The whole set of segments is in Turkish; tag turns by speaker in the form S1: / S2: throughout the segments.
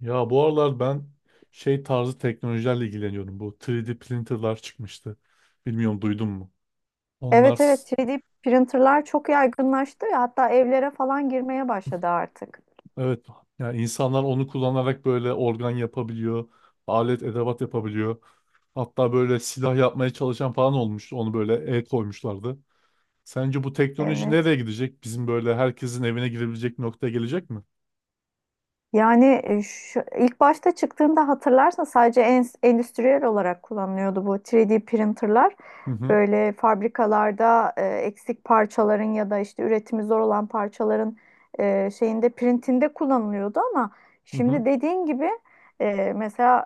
S1: Ya bu aralar ben şey tarzı teknolojilerle ilgileniyorum. Bu 3D printerlar çıkmıştı. Bilmiyorum duydun mu? Onlar
S2: Evet
S1: s-
S2: evet 3D printerlar çok yaygınlaştı ya hatta evlere falan girmeye başladı artık.
S1: evet. Yani insanlar onu kullanarak böyle organ yapabiliyor. Alet edevat yapabiliyor. Hatta böyle silah yapmaya çalışan falan olmuştu. Onu böyle el koymuşlardı. Sence bu teknoloji
S2: Evet.
S1: nereye gidecek? Bizim böyle herkesin evine girebilecek noktaya gelecek mi?
S2: Yani ilk başta çıktığında hatırlarsan sadece endüstriyel olarak kullanılıyordu bu 3D printerlar.
S1: Hı hı
S2: Böyle fabrikalarda eksik parçaların ya da işte üretimi zor olan parçaların şeyinde printinde kullanılıyordu ama
S1: hı hı
S2: şimdi dediğin gibi mesela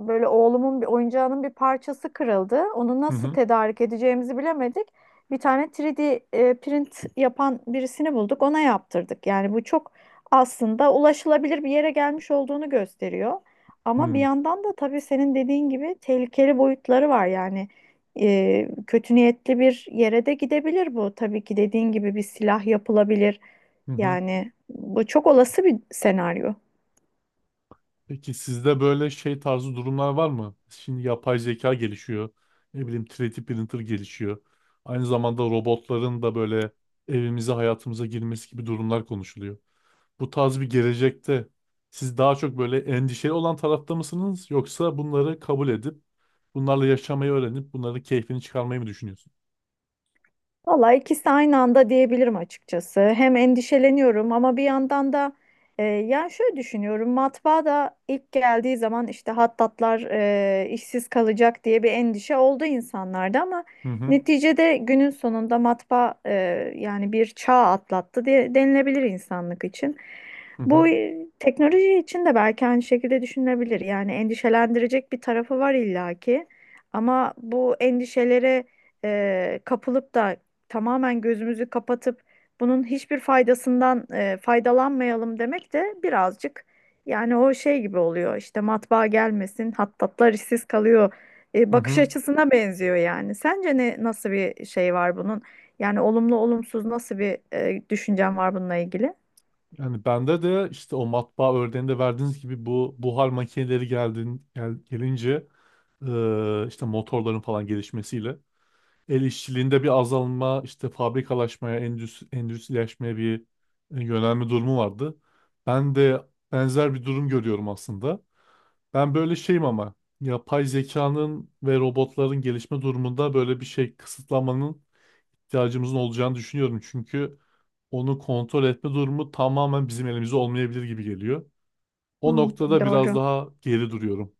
S2: böyle oğlumun bir oyuncağının bir parçası kırıldı. Onu nasıl
S1: hı
S2: tedarik edeceğimizi bilemedik. Bir tane 3D print yapan birisini bulduk. Ona yaptırdık. Yani bu çok aslında ulaşılabilir bir yere gelmiş olduğunu gösteriyor. Ama bir
S1: hı
S2: yandan da tabii senin dediğin gibi tehlikeli boyutları var. Yani kötü niyetli bir yere de gidebilir bu. Tabii ki dediğin gibi bir silah yapılabilir.
S1: hı hı.
S2: Yani bu çok olası bir senaryo.
S1: Peki sizde böyle şey tarzı durumlar var mı? Şimdi yapay zeka gelişiyor. Ne bileyim 3D printer gelişiyor. Aynı zamanda robotların da böyle evimize hayatımıza girmesi gibi durumlar konuşuluyor. Bu tarz bir gelecekte siz daha çok böyle endişeli olan tarafta mısınız? Yoksa bunları kabul edip bunlarla yaşamayı öğrenip bunların keyfini çıkarmayı mı düşünüyorsunuz?
S2: Valla ikisi aynı anda diyebilirim açıkçası. Hem endişeleniyorum ama bir yandan da yani şöyle düşünüyorum. Matbaa da ilk geldiği zaman işte hattatlar işsiz kalacak diye bir endişe oldu insanlarda ama
S1: Hı hı
S2: neticede günün sonunda matbaa yani bir çağ atlattı diye denilebilir insanlık için.
S1: hı hı
S2: Bu teknoloji için de belki aynı şekilde düşünülebilir. Yani endişelendirecek bir tarafı var illaki ama bu endişelere kapılıp da tamamen gözümüzü kapatıp bunun hiçbir faydasından faydalanmayalım demek de birazcık yani o şey gibi oluyor işte matbaa gelmesin hattatlar işsiz kalıyor
S1: hı
S2: bakış
S1: hı.
S2: açısına benziyor yani. Sence ne nasıl bir şey var bunun? Yani olumlu olumsuz nasıl bir düşüncen var bununla ilgili?
S1: Yani bende de işte o matbaa örneğinde verdiğiniz gibi bu buhar makineleri gelince işte motorların falan gelişmesiyle el işçiliğinde bir azalma, işte fabrikalaşmaya, endüstrileşmeye bir yönelme durumu vardı. Ben de benzer bir durum görüyorum aslında. Ben böyle şeyim ama yapay zekanın ve robotların gelişme durumunda böyle bir şey kısıtlamanın ihtiyacımızın olacağını düşünüyorum. Çünkü onu kontrol etme durumu tamamen bizim elimizde olmayabilir gibi geliyor. O
S2: Hmm,
S1: noktada biraz
S2: doğru.
S1: daha geri duruyorum.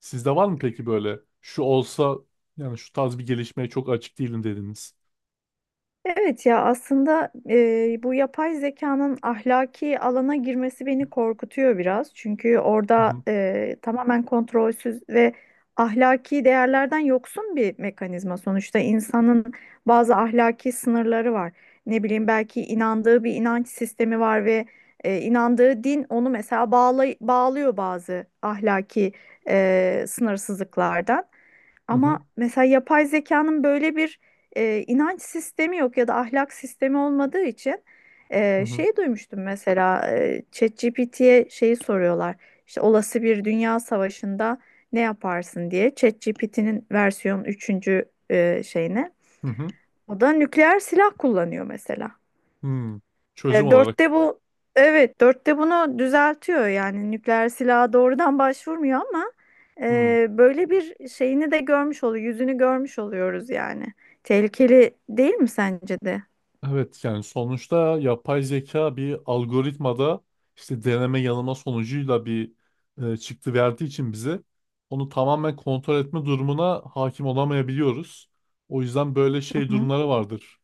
S1: Sizde var mı peki böyle şu olsa, yani şu tarz bir gelişmeye çok açık değilim dediniz.
S2: Evet ya aslında bu yapay zekanın ahlaki alana girmesi beni korkutuyor biraz. Çünkü orada
S1: Hı
S2: tamamen kontrolsüz ve ahlaki değerlerden yoksun bir mekanizma. Sonuçta insanın bazı ahlaki sınırları var. Ne bileyim belki inandığı bir inanç sistemi var ve inandığı din onu mesela bağlıyor bazı ahlaki sınırsızlıklardan.
S1: hı
S2: Ama
S1: hı
S2: mesela yapay zekanın böyle bir inanç sistemi yok ya da ahlak sistemi olmadığı için
S1: hı hı hı.
S2: şey duymuştum mesela ChatGPT'ye şeyi soruyorlar. İşte olası bir dünya savaşında ne yaparsın diye ChatGPT'nin versiyon üçüncü şeyine.
S1: Hı hı.
S2: O da nükleer silah kullanıyor mesela.
S1: Hmm. Çözüm olarak.
S2: Dörtte bu, evet, dörtte bunu düzeltiyor yani nükleer silaha doğrudan başvurmuyor ama
S1: Hı.
S2: böyle bir şeyini de görmüş oluyor, yüzünü görmüş oluyoruz yani. Tehlikeli değil mi sence de?
S1: Evet, yani sonuçta yapay zeka bir algoritmada işte deneme yanılma sonucuyla bir çıktı verdiği için bize, onu tamamen kontrol etme durumuna hakim olamayabiliyoruz. O yüzden böyle şey
S2: Hı.
S1: durumları vardır,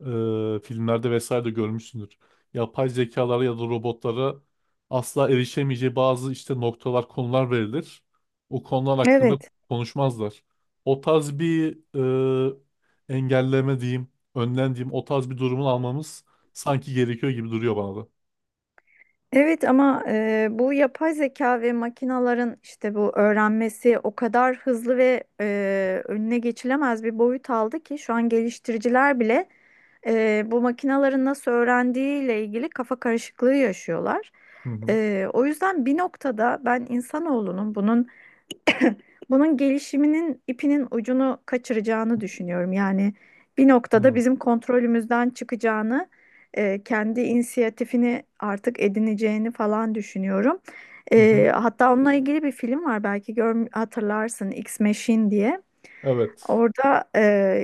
S1: filmlerde vesaire de görmüşsündür. Yapay zekalara ya da robotlara asla erişemeyeceği bazı işte noktalar, konular verilir. O konular hakkında
S2: Evet.
S1: konuşmazlar. O tarz bir engelleme diyeyim, önlem diyeyim, o tarz bir durumun almamız sanki gerekiyor gibi duruyor bana da.
S2: Evet ama bu yapay zeka ve makinaların işte bu öğrenmesi o kadar hızlı ve önüne geçilemez bir boyut aldı ki şu an geliştiriciler bile bu makinaların nasıl öğrendiğiyle ilgili kafa karışıklığı yaşıyorlar.
S1: Hı hı.
S2: O yüzden bir noktada ben insanoğlunun bunun gelişiminin ipinin ucunu kaçıracağını düşünüyorum. Yani bir noktada
S1: Hı
S2: bizim kontrolümüzden çıkacağını, kendi inisiyatifini artık edineceğini falan düşünüyorum.
S1: hı. Hı.
S2: Hatta onunla ilgili bir film var, belki hatırlarsın, X Machine diye.
S1: Evet.
S2: Orada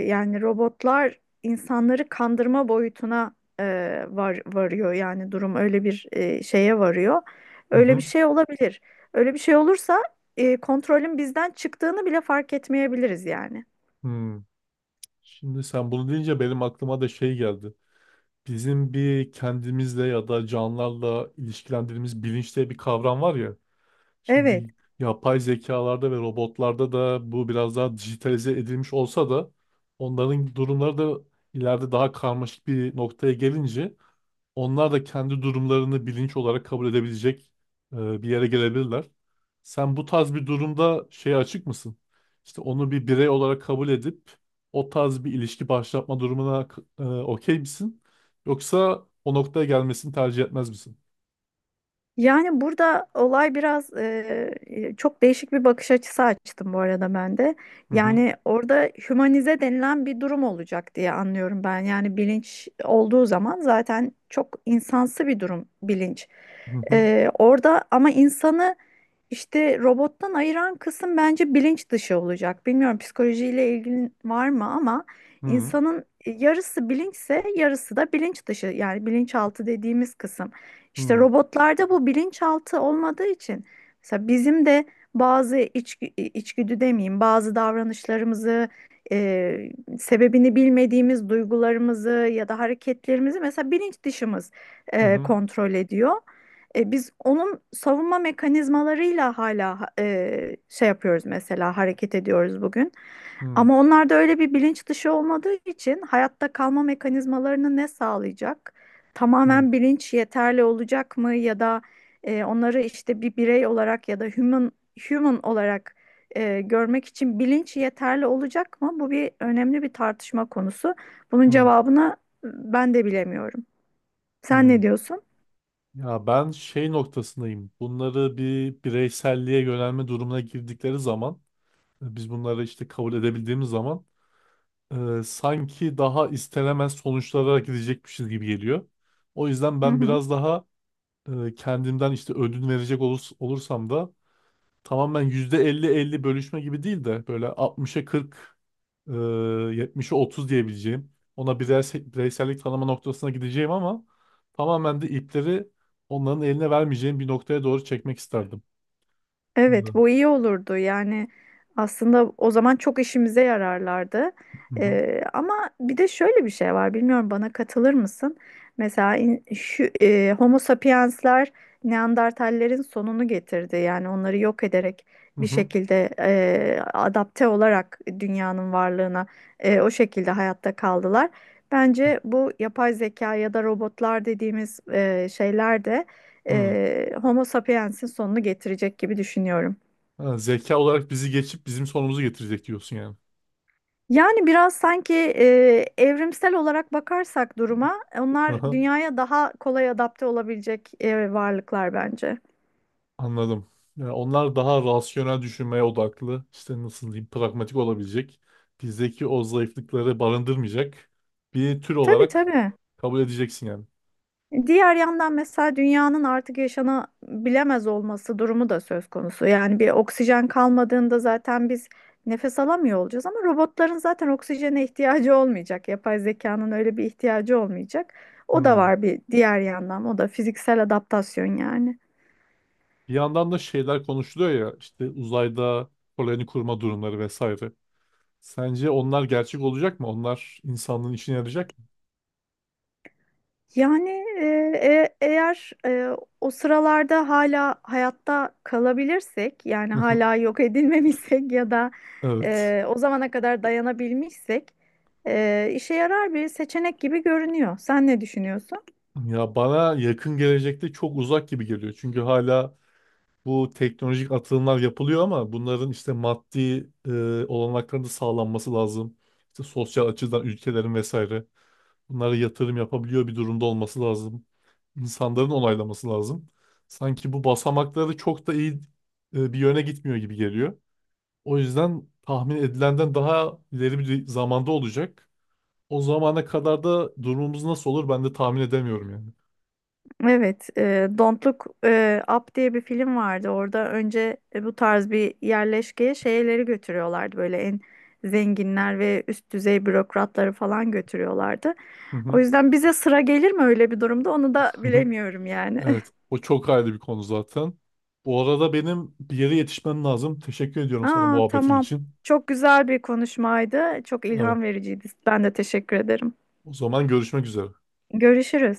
S2: yani robotlar insanları kandırma boyutuna e, varıyor, yani durum öyle bir şeye varıyor.
S1: Hı
S2: Öyle bir
S1: hı.
S2: şey olabilir. Öyle bir şey olursa kontrolün bizden çıktığını bile fark etmeyebiliriz yani.
S1: Hı. Şimdi sen bunu deyince benim aklıma da şey geldi. Bizim bir kendimizle ya da canlılarla ilişkilendirdiğimiz bilinç diye bir kavram var ya.
S2: Evet.
S1: Şimdi yapay zekalarda ve robotlarda da bu biraz daha dijitalize edilmiş olsa da, onların durumları da ileride daha karmaşık bir noktaya gelince onlar da kendi durumlarını bilinç olarak kabul edebilecek bir yere gelebilirler. Sen bu tarz bir durumda şeye açık mısın? İşte onu bir birey olarak kabul edip o tarz bir ilişki başlatma durumuna okey misin? Yoksa o noktaya gelmesini tercih etmez misin?
S2: Yani burada olay biraz çok değişik bir bakış açısı açtım bu arada ben de.
S1: Hı hı
S2: Yani orada hümanize denilen bir durum olacak diye anlıyorum ben. Yani bilinç olduğu zaman zaten çok insansı bir durum bilinç.
S1: hı hı
S2: Orada ama insanı işte robottan ayıran kısım bence bilinç dışı olacak. Bilmiyorum psikolojiyle ilgili var mı ama
S1: hı
S2: insanın yarısı bilinçse yarısı da bilinç dışı, yani bilinçaltı dediğimiz kısım. İşte
S1: hı
S2: robotlarda bu bilinçaltı olmadığı için mesela bizim de bazı içgüdü demeyeyim, bazı davranışlarımızı, e, sebebini bilmediğimiz duygularımızı ya da hareketlerimizi mesela bilinç dışımız
S1: hı
S2: kontrol ediyor. Biz onun savunma mekanizmalarıyla hala şey yapıyoruz, mesela hareket ediyoruz bugün.
S1: hı.
S2: Ama onlarda öyle bir bilinç dışı olmadığı için hayatta kalma mekanizmalarını ne sağlayacak?
S1: Hı,
S2: Tamamen bilinç yeterli olacak mı, ya da onları işte bir birey olarak ya da human olarak görmek için bilinç yeterli olacak mı? Bu bir önemli bir tartışma konusu. Bunun
S1: hı,
S2: cevabını ben de bilemiyorum. Sen
S1: hı.
S2: ne diyorsun?
S1: Ya ben şey noktasındayım. Bunları bir bireyselliğe yönelme durumuna girdikleri zaman, biz bunları işte kabul edebildiğimiz zaman sanki daha istenemez sonuçlara gidecekmişiz gibi geliyor. O yüzden
S2: Hı
S1: ben
S2: hı.
S1: biraz daha kendimden işte ödün verecek olursam da, tamamen %50 elli bölüşme gibi değil de böyle 60'a 40, e, 70'e 30 diyebileceğim. Ona bireysellik tanıma noktasına gideceğim ama tamamen de ipleri onların eline vermeyeceğim bir noktaya doğru çekmek isterdim.
S2: Evet,
S1: Hı.
S2: bu iyi olurdu. Yani aslında o zaman çok işimize yararlardı.
S1: Hı hı.
S2: Ama bir de şöyle bir şey var. Bilmiyorum, bana katılır mısın? Mesela şu Homo sapiensler Neandertallerin sonunu getirdi. Yani onları yok ederek
S1: Hı
S2: bir
S1: hı.
S2: şekilde adapte olarak dünyanın varlığına o şekilde hayatta kaldılar. Bence bu yapay zeka ya da robotlar dediğimiz şeyler de
S1: Hı.
S2: Homo sapiens'in sonunu getirecek gibi düşünüyorum.
S1: Ha, zeka olarak bizi geçip bizim sonumuzu getirecek diyorsun yani.
S2: Yani biraz sanki evrimsel olarak bakarsak duruma, onlar dünyaya daha kolay adapte olabilecek varlıklar bence.
S1: Anladım. Yani onlar daha rasyonel düşünmeye odaklı. İşte nasıl diyeyim, pragmatik olabilecek. Bizdeki o zayıflıkları barındırmayacak bir tür
S2: Tabii
S1: olarak
S2: tabii.
S1: kabul edeceksin yani.
S2: Diğer yandan mesela dünyanın artık yaşanabilemez olması durumu da söz konusu. Yani bir oksijen kalmadığında zaten biz nefes alamıyor olacağız ama robotların zaten oksijene ihtiyacı olmayacak. Yapay zekanın öyle bir ihtiyacı olmayacak. O da
S1: Hmm.
S2: var bir diğer yandan. O da fiziksel adaptasyon yani.
S1: Bir yandan da şeyler konuşuluyor ya, işte uzayda koloni kurma durumları vesaire. Sence onlar gerçek olacak mı? Onlar insanlığın işine yarayacak mı?
S2: Yani e, eğer o sıralarda hala hayatta kalabilirsek, yani hala yok edilmemişsek ya da
S1: Evet.
S2: o zamana kadar dayanabilmişsek işe yarar bir seçenek gibi görünüyor. Sen ne düşünüyorsun?
S1: Ya bana yakın gelecekte çok uzak gibi geliyor. Çünkü hala bu teknolojik atılımlar yapılıyor ama bunların işte maddi olanakların da sağlanması lazım. İşte sosyal açıdan ülkelerin vesaire bunlara yatırım yapabiliyor bir durumda olması lazım. İnsanların onaylaması lazım. Sanki bu basamakları çok da iyi bir yöne gitmiyor gibi geliyor. O yüzden tahmin edilenden daha ileri bir zamanda olacak. O zamana kadar da durumumuz nasıl olur, ben de tahmin edemiyorum yani.
S2: Evet, Don't Look Up diye bir film vardı. Orada önce bu tarz bir yerleşkeye şeyleri götürüyorlardı. Böyle en zenginler ve üst düzey bürokratları falan götürüyorlardı.
S1: Hı
S2: O
S1: hı.
S2: yüzden bize sıra gelir mi öyle bir durumda, onu da bilemiyorum yani.
S1: Evet, o çok ayrı bir konu zaten. Bu arada benim bir yere yetişmem lazım. Teşekkür ediyorum sana
S2: Aa,
S1: muhabbetin
S2: tamam.
S1: için.
S2: Çok güzel bir konuşmaydı. Çok
S1: Evet,
S2: ilham vericiydi. Ben de teşekkür ederim.
S1: o zaman görüşmek üzere.
S2: Görüşürüz.